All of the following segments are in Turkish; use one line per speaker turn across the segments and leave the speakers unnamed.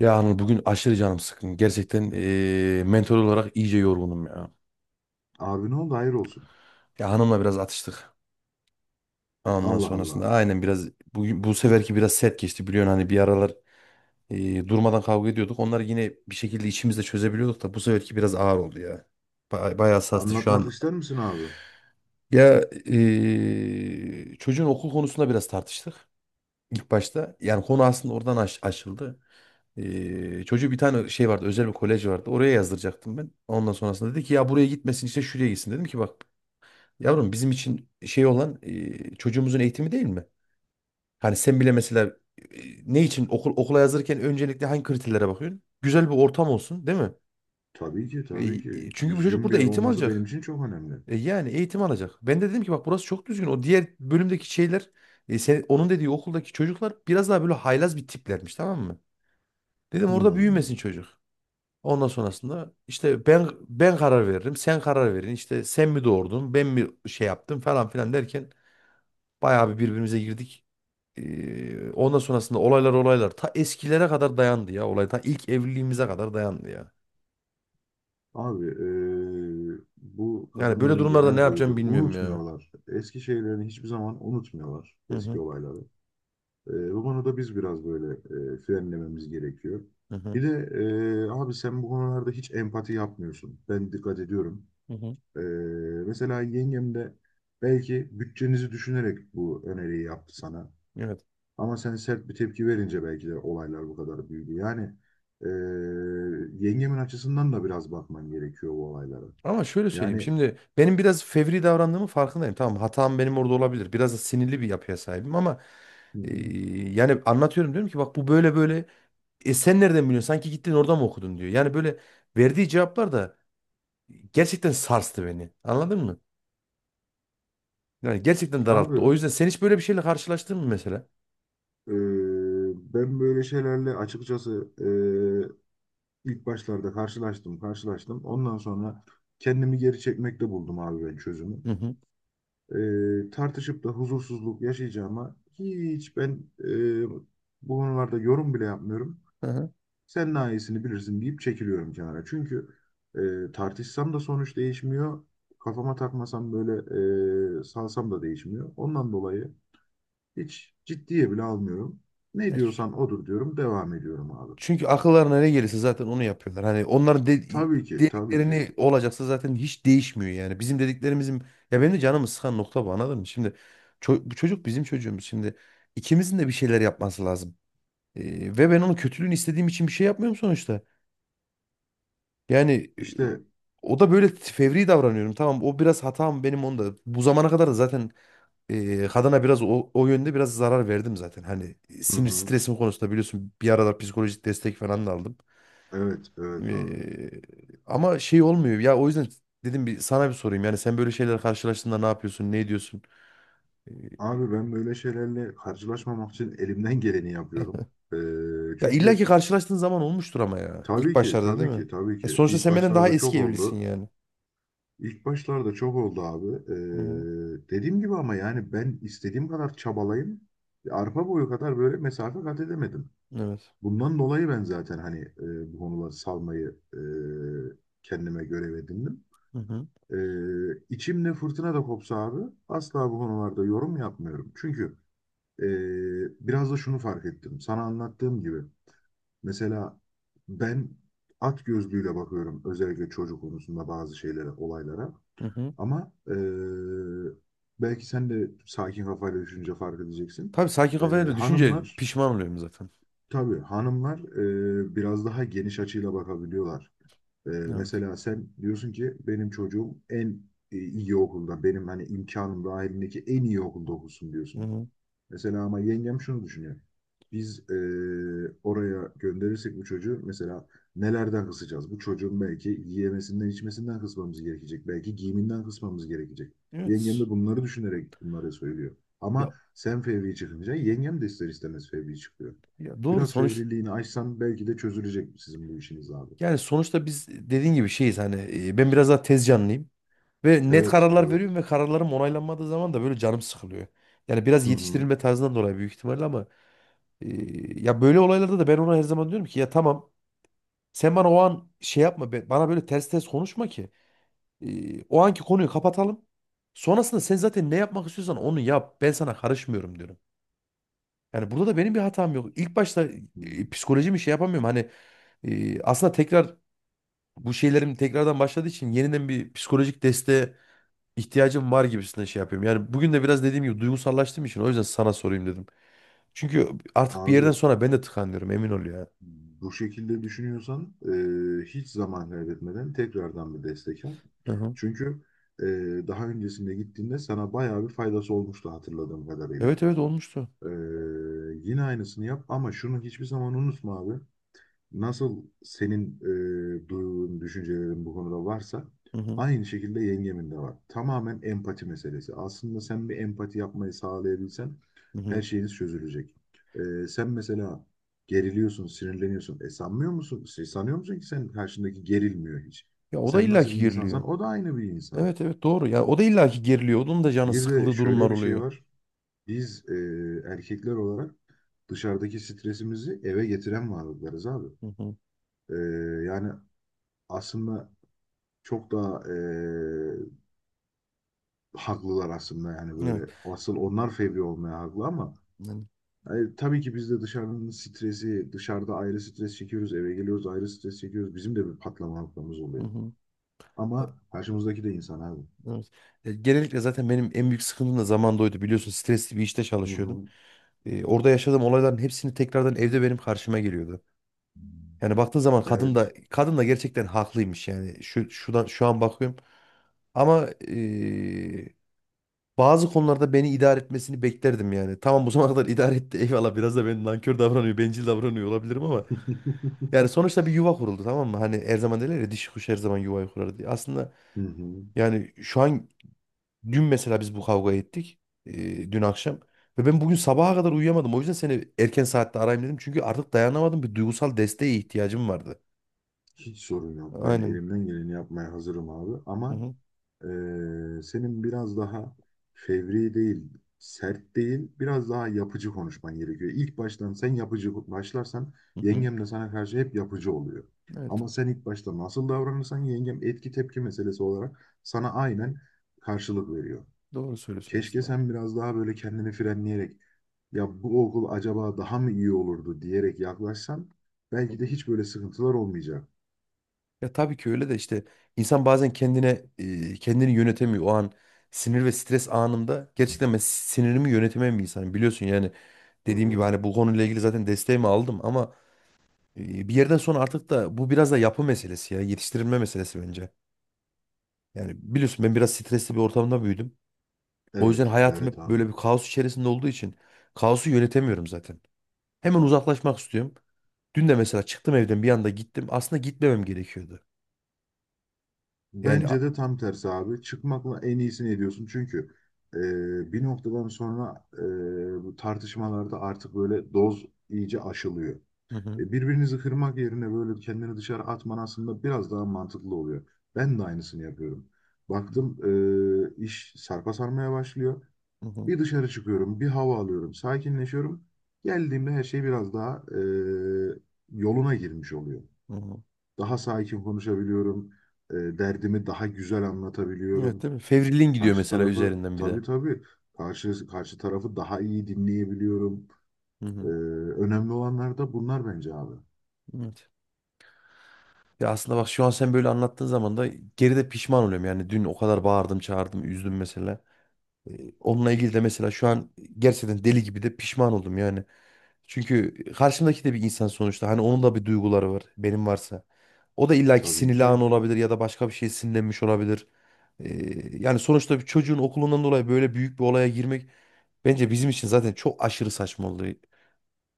Ya Anıl bugün aşırı canım sıkkın. Gerçekten mental olarak iyice yorgunum ya.
Abi ne oldu? Hayır olsun.
Ya hanımla biraz atıştık. Ondan
Allah
sonrasında
Allah.
aynen biraz bugün bu seferki biraz sert geçti biliyorsun hani bir aralar durmadan kavga ediyorduk. Onları yine bir şekilde içimizde çözebiliyorduk da bu seferki biraz ağır oldu ya. Bayağı hassastı şu
Anlatmak
an.
ister misin abi?
Ya çocuğun okul konusunda biraz tartıştık. İlk başta yani konu aslında oradan aşıldı. Çocuğu bir tane şey vardı özel bir kolej vardı oraya yazdıracaktım ben. Ondan sonrasında dedi ki ya buraya gitmesin işte şuraya gitsin. Dedim ki bak yavrum bizim için şey olan çocuğumuzun eğitimi değil mi? Hani sen bile mesela ne için okul okula yazırken öncelikle hangi kriterlere bakıyorsun? Güzel bir ortam olsun değil mi?
Tabii ki,
E,
tabii ki.
çünkü bu çocuk
Düzgün bir
burada
yer
eğitim
olması benim
alacak.
için çok önemli.
Yani eğitim alacak. Ben de dedim ki bak burası çok düzgün. O diğer bölümdeki şeyler sen, onun dediği okuldaki çocuklar biraz daha böyle haylaz bir tiplermiş, tamam mı? Dedim orada büyümesin
Hmm.
çocuk. Ondan sonrasında işte ben karar veririm, sen karar verin. İşte sen mi doğurdun, ben mi şey yaptım falan filan derken bayağı bir birbirimize girdik. Ondan sonrasında olaylar ta eskilere kadar dayandı ya, olay ta ilk evliliğimize kadar dayandı ya.
Abi, bu
Yani böyle
kadınların
durumlarda
genel
ne yapacağımı
huyudur.
bilmiyorum ya.
Unutmuyorlar. Eski şeylerini hiçbir zaman unutmuyorlar.
Hı
Eski
hı
olayları. Bu konuda biz biraz böyle frenlememiz gerekiyor.
hı hı.
Bir de abi sen bu konularda hiç empati yapmıyorsun. Ben dikkat ediyorum.
Hı hı.
Ee, mesela yengem de belki bütçenizi düşünerek bu öneriyi yaptı sana.
Evet.
Ama sen sert bir tepki verince belki de olaylar bu kadar büyüdü. Ee, yengemin açısından da biraz bakman gerekiyor bu olaylara.
Ama şöyle söyleyeyim.
Yani,
Şimdi benim biraz fevri davrandığımın farkındayım. Tamam, hatam benim orada olabilir. Biraz da sinirli bir yapıya sahibim ama
hı
e,
hı.
yani anlatıyorum, diyorum ki bak bu böyle böyle. E sen nereden biliyorsun? Sanki gittin orada mı okudun diyor. Yani böyle verdiği cevaplar da gerçekten sarstı beni. Anladın mı? Yani gerçekten
Abi
daralttı. O yüzden sen hiç böyle bir şeyle karşılaştın mı mesela?
ee, ben böyle şeylerle açıkçası ee, ilk başlarda karşılaştım. Ondan sonra kendimi geri çekmekte buldum abi ben çözümü.
Hı hı.
Tartışıp da huzursuzluk yaşayacağıma hiç ben e, bu konularda yorum bile yapmıyorum.
Hı hı.
Sen daha iyisini bilirsin deyip çekiliyorum kenara. Çünkü tartışsam da sonuç değişmiyor. Kafama takmasam böyle, salsam da değişmiyor. Ondan dolayı hiç ciddiye bile almıyorum. Ne
E,
diyorsan odur diyorum, devam ediyorum abi.
Çünkü akıllarına ne gelirse zaten onu yapıyorlar. Hani onların
Tabii ki, tabii ki.
dediklerini olacaksa zaten hiç değişmiyor yani. Bizim dediklerimizin ya benim de canımı sıkan nokta bu, anladın mı? Şimdi bu çocuk bizim çocuğumuz. Şimdi ikimizin de bir şeyler yapması lazım. Ve ben onun kötülüğünü istediğim için bir şey yapmıyorum sonuçta. Yani e,
İşte,
o da böyle fevri davranıyorum. Tamam, o biraz hatam benim onda. Bu zamana kadar da zaten kadına biraz o yönde biraz zarar verdim zaten. Hani
hı
sinir
hı,
stresim konusunda biliyorsun bir aralar psikolojik destek falan da aldım.
evet, evet abi.
Ee, Ama şey olmuyor. Ya o yüzden dedim bir sana bir sorayım. Yani sen böyle şeyler karşılaştığında ne yapıyorsun? Ne ediyorsun? Ee,
Abi, ben böyle şeylerle karşılaşmamak için elimden geleni yapıyorum.
Ya illa ki
Çünkü
karşılaştığın zaman olmuştur ama ya. İlk
tabii ki,
başlarda değil
tabii
mi?
ki, tabii
E
ki
sonuçta
ilk
sen benden daha
başlarda çok
eski evlisin
oldu.
yani.
İlk başlarda çok oldu abi.
Hı-hı.
Dediğim gibi ama yani ben istediğim kadar çabalayayım. Arpa boyu kadar böyle mesafe kat edemedim.
Evet.
Bundan dolayı ben zaten hani bu konuları salmayı kendime görev edindim.
Hı-hı.
İçimde fırtına da kopsa abi asla bu konularda yorum yapmıyorum. Çünkü Ee, biraz da şunu fark ettim. Sana anlattığım gibi mesela ben at gözlüğüyle bakıyorum özellikle çocuk konusunda bazı şeylere, olaylara.
Hı-hı.
Ama belki sen de sakin kafayla düşünce fark edeceksin.
Tabii sakin
Ee,
kafayla da düşünce
Hanımlar,
pişman oluyorum zaten.
tabii hanımlar, biraz daha geniş açıyla bakabiliyorlar.
Evet.
Mesela sen diyorsun ki benim çocuğum en iyi okulda, benim hani imkanım dahilindeki en iyi okulda okusun diyorsun.
Hı-hı.
Mesela ama yengem şunu düşünüyor. Biz oraya gönderirsek bu çocuğu mesela nelerden kısacağız? Bu çocuğun belki yiyemesinden, içmesinden kısmamız gerekecek. Belki giyiminden kısmamız gerekecek. Yengem
Evet.
de bunları düşünerek bunları söylüyor.
Ya,
Ama sen fevri çıkınca yengem de ister istemez fevri çıkıyor.
ya doğru
Biraz
sonuç.
fevriliğini aşsan belki de çözülecek sizin bu işiniz abi.
Yani sonuçta biz dediğin gibi şeyiz hani ben biraz daha tez canlıyım. Ve net
Evet,
kararlar
evet.
veriyorum ve kararlarım onaylanmadığı zaman da böyle canım sıkılıyor. Yani biraz
Hı hı.
yetiştirilme tarzından dolayı büyük ihtimalle ama e, ya böyle olaylarda da ben ona her zaman diyorum ki ya tamam, sen bana o an şey yapma, bana böyle ters ters konuşma ki o anki konuyu kapatalım. Sonrasında sen zaten ne yapmak istiyorsan onu yap. Ben sana karışmıyorum diyorum. Yani burada da benim bir hatam yok. İlk başta
Hı.
psikolojimi şey yapamıyorum. Hani aslında tekrar bu şeylerim tekrardan başladığı için yeniden bir psikolojik desteğe ihtiyacım var gibisine şey yapıyorum. Yani bugün de biraz dediğim gibi duygusallaştığım için o yüzden sana sorayım dedim. Çünkü artık bir yerden
Abi,
sonra ben de tıkanıyorum, emin ol ya.
bu şekilde düşünüyorsan, hiç zaman kaybetmeden tekrardan bir destek al.
Hı hı.
Çünkü e, daha öncesinde gittiğinde sana bayağı bir faydası olmuştu hatırladığım kadarıyla.
Evet evet, olmuştu.
E, yine aynısını yap ama şunu hiçbir zaman unutma abi, nasıl senin duyduğun düşüncelerin bu konuda varsa
Hı hı.
aynı şekilde yengemin de var. Tamamen empati meselesi. Aslında sen bir empati yapmayı sağlayabilsen
Hı hı.
her şeyiniz çözülecek. E, sen mesela geriliyorsun, sinirleniyorsun. E sanmıyor musun? Şey, sanıyor musun ki sen karşındaki gerilmiyor hiç?
Ya o da
Sen nasıl
illaki
bir
geriliyor.
insansan o da aynı bir insan.
Evet evet doğru. Ya o da illaki geriliyor. Onun da canı
Bir de
sıkıldığı
şöyle
durumlar
bir şey
oluyor.
var. Biz, erkekler olarak dışarıdaki stresimizi eve getiren varlıklarız abi.
Hı hı.
E, Yani aslında çok daha haklılar aslında yani
Evet.
böyle asıl onlar fevri olmaya haklı ama
Yani,
yani tabii ki biz de dışarının stresi dışarıda ayrı stres çekiyoruz eve geliyoruz ayrı stres çekiyoruz bizim de bir patlama noktamız
hı
oluyor
hı. E,
ama karşımızdaki de insan abi.
Evet. Genellikle zaten benim en büyük sıkıntım da zamanda oydu, biliyorsun stresli bir işte
Hı
çalışıyordum.
hı.
Orada yaşadığım olayların hepsini tekrardan evde benim karşıma geliyordu. Yani baktığın zaman kadın
Evet.
da kadın da gerçekten haklıymış yani şu şuradan şu an bakıyorum. Ama bazı konularda beni idare etmesini beklerdim yani. Tamam bu zamana kadar idare etti, eyvallah, biraz da ben nankör davranıyor, bencil davranıyor olabilirim ama yani sonuçta bir yuva kuruldu, tamam mı? Hani her zaman derler ya dişi kuş her zaman yuvayı kurar diye. Aslında
Hı hı.
yani şu an dün mesela biz bu kavga ettik dün akşam ve ben bugün sabaha kadar uyuyamadım. O yüzden seni erken saatte arayayım dedim çünkü artık dayanamadım, bir duygusal desteğe ihtiyacım vardı.
Hiç sorun yok. Ben
Aynen.
elimden geleni yapmaya hazırım abi.
Hı
Ama
hı.
Senin biraz daha fevri değil, sert değil, biraz daha yapıcı konuşman gerekiyor. İlk baştan sen yapıcı başlarsan
Hı hı.
yengem de sana karşı hep yapıcı oluyor.
Evet,
Ama sen ilk başta nasıl davranırsan yengem etki tepki meselesi olarak sana aynen karşılık veriyor.
doğru söylüyorsun
Keşke
aslında.
sen biraz daha böyle kendini frenleyerek ya bu okul acaba daha mı iyi olurdu diyerek yaklaşsan
Hı
belki de
hı.
hiç böyle sıkıntılar olmayacak.
Ya tabii ki öyle de işte insan bazen kendine kendini yönetemiyor. O an sinir ve stres anımda gerçekten ben sinirimi yönetemem bir insanım. Biliyorsun yani
Hı
dediğim gibi
hı.
hani bu konuyla ilgili zaten desteğimi aldım ama bir yerden sonra artık da bu biraz da yapı meselesi ya yetiştirilme meselesi bence. Yani biliyorsun ben biraz stresli bir ortamda büyüdüm. O yüzden
Evet,
hayatım
evet
hep
abi.
böyle bir kaos içerisinde olduğu için kaosu yönetemiyorum zaten. Hemen uzaklaşmak istiyorum. Dün de mesela çıktım evden bir anda gittim. Aslında gitmemem gerekiyordu. Yani
Bence de tam tersi abi. Çıkmakla en iyisini ediyorsun. Çünkü bir noktadan sonra bu tartışmalarda artık böyle doz iyice aşılıyor.
hı hı.
Birbirinizi kırmak yerine böyle kendini dışarı atman aslında biraz daha mantıklı oluyor. Ben de aynısını yapıyorum. Baktım, iş sarpa sarmaya başlıyor.
Hı hı.
Bir dışarı çıkıyorum, bir hava alıyorum, sakinleşiyorum. Geldiğimde her şey biraz daha yoluna girmiş oluyor.
Hı hı.
Daha sakin konuşabiliyorum. Derdimi daha güzel
Evet
anlatabiliyorum.
değil mi? Fevriliğin gidiyor
Karşı
mesela
tarafı,
üzerinden bir
tabii
de.
tabii, karşı tarafı daha iyi dinleyebiliyorum.
Hı
E,
hı.
Önemli olanlar da bunlar bence abi.
Evet. Ya aslında bak şu an sen böyle anlattığın zaman da geride pişman oluyorum. Yani dün o kadar bağırdım, çağırdım, üzdüm mesela. E, Onunla ilgili de mesela şu an gerçekten deli gibi de pişman oldum yani. Çünkü karşımdaki de bir insan sonuçta. Hani onun da bir duyguları var. Benim varsa. O da illaki
Tabii
sinirli an
ki
olabilir ya da başka bir şey sinirlenmiş olabilir. Yani sonuçta bir çocuğun okulundan dolayı böyle büyük bir olaya girmek bence bizim için zaten çok aşırı saçma oldu.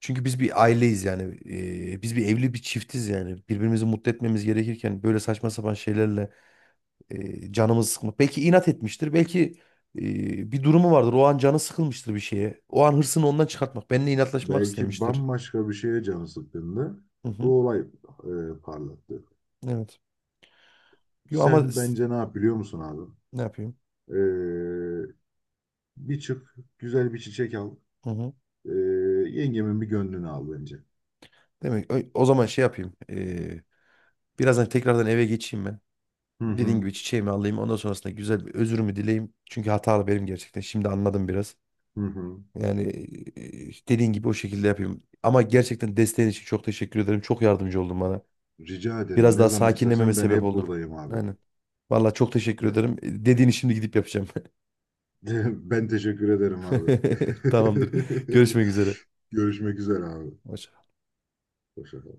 Çünkü biz bir aileyiz yani. Biz bir evli bir çiftiz yani. Birbirimizi mutlu etmemiz gerekirken böyle saçma sapan şeylerle canımız sıkmak. Belki inat etmiştir. Belki bir durumu vardır. O an canı sıkılmıştır bir şeye. O an hırsını ondan çıkartmak. Benimle inatlaşmak
belki
istemiştir.
bambaşka bir şeye canı sıkkındı.
Hı hı.
Bu olay parlattı.
Evet. Yo ama
Sen bence ne yap biliyor musun abi?
ne yapayım?
E, Bir çık güzel bir çiçek al.
Hı hı.
E, Yengemin bir gönlünü al bence.
Demek o zaman şey yapayım. Birazdan tekrardan eve geçeyim ben.
Hı
Dediğim
hı.
gibi çiçeğimi alayım. Ondan sonrasında güzel bir özürümü dileyim. Çünkü hatalı benim gerçekten. Şimdi anladım biraz.
Hı hı.
Yani dediğin gibi o şekilde yapayım. Ama gerçekten desteğin için çok teşekkür ederim. Çok yardımcı oldun bana.
Rica ederim.
Biraz
Ne
daha
zaman
sakinlememe
istersen ben
sebep
hep
oldun.
buradayım abi.
Aynen. Vallahi çok teşekkür
Ne-
ederim. Dediğini şimdi gidip yapacağım.
Ben teşekkür ederim abi.
Tamamdır. Görüşmek üzere.
Görüşmek üzere abi.
Hoşça
Hoşça kal.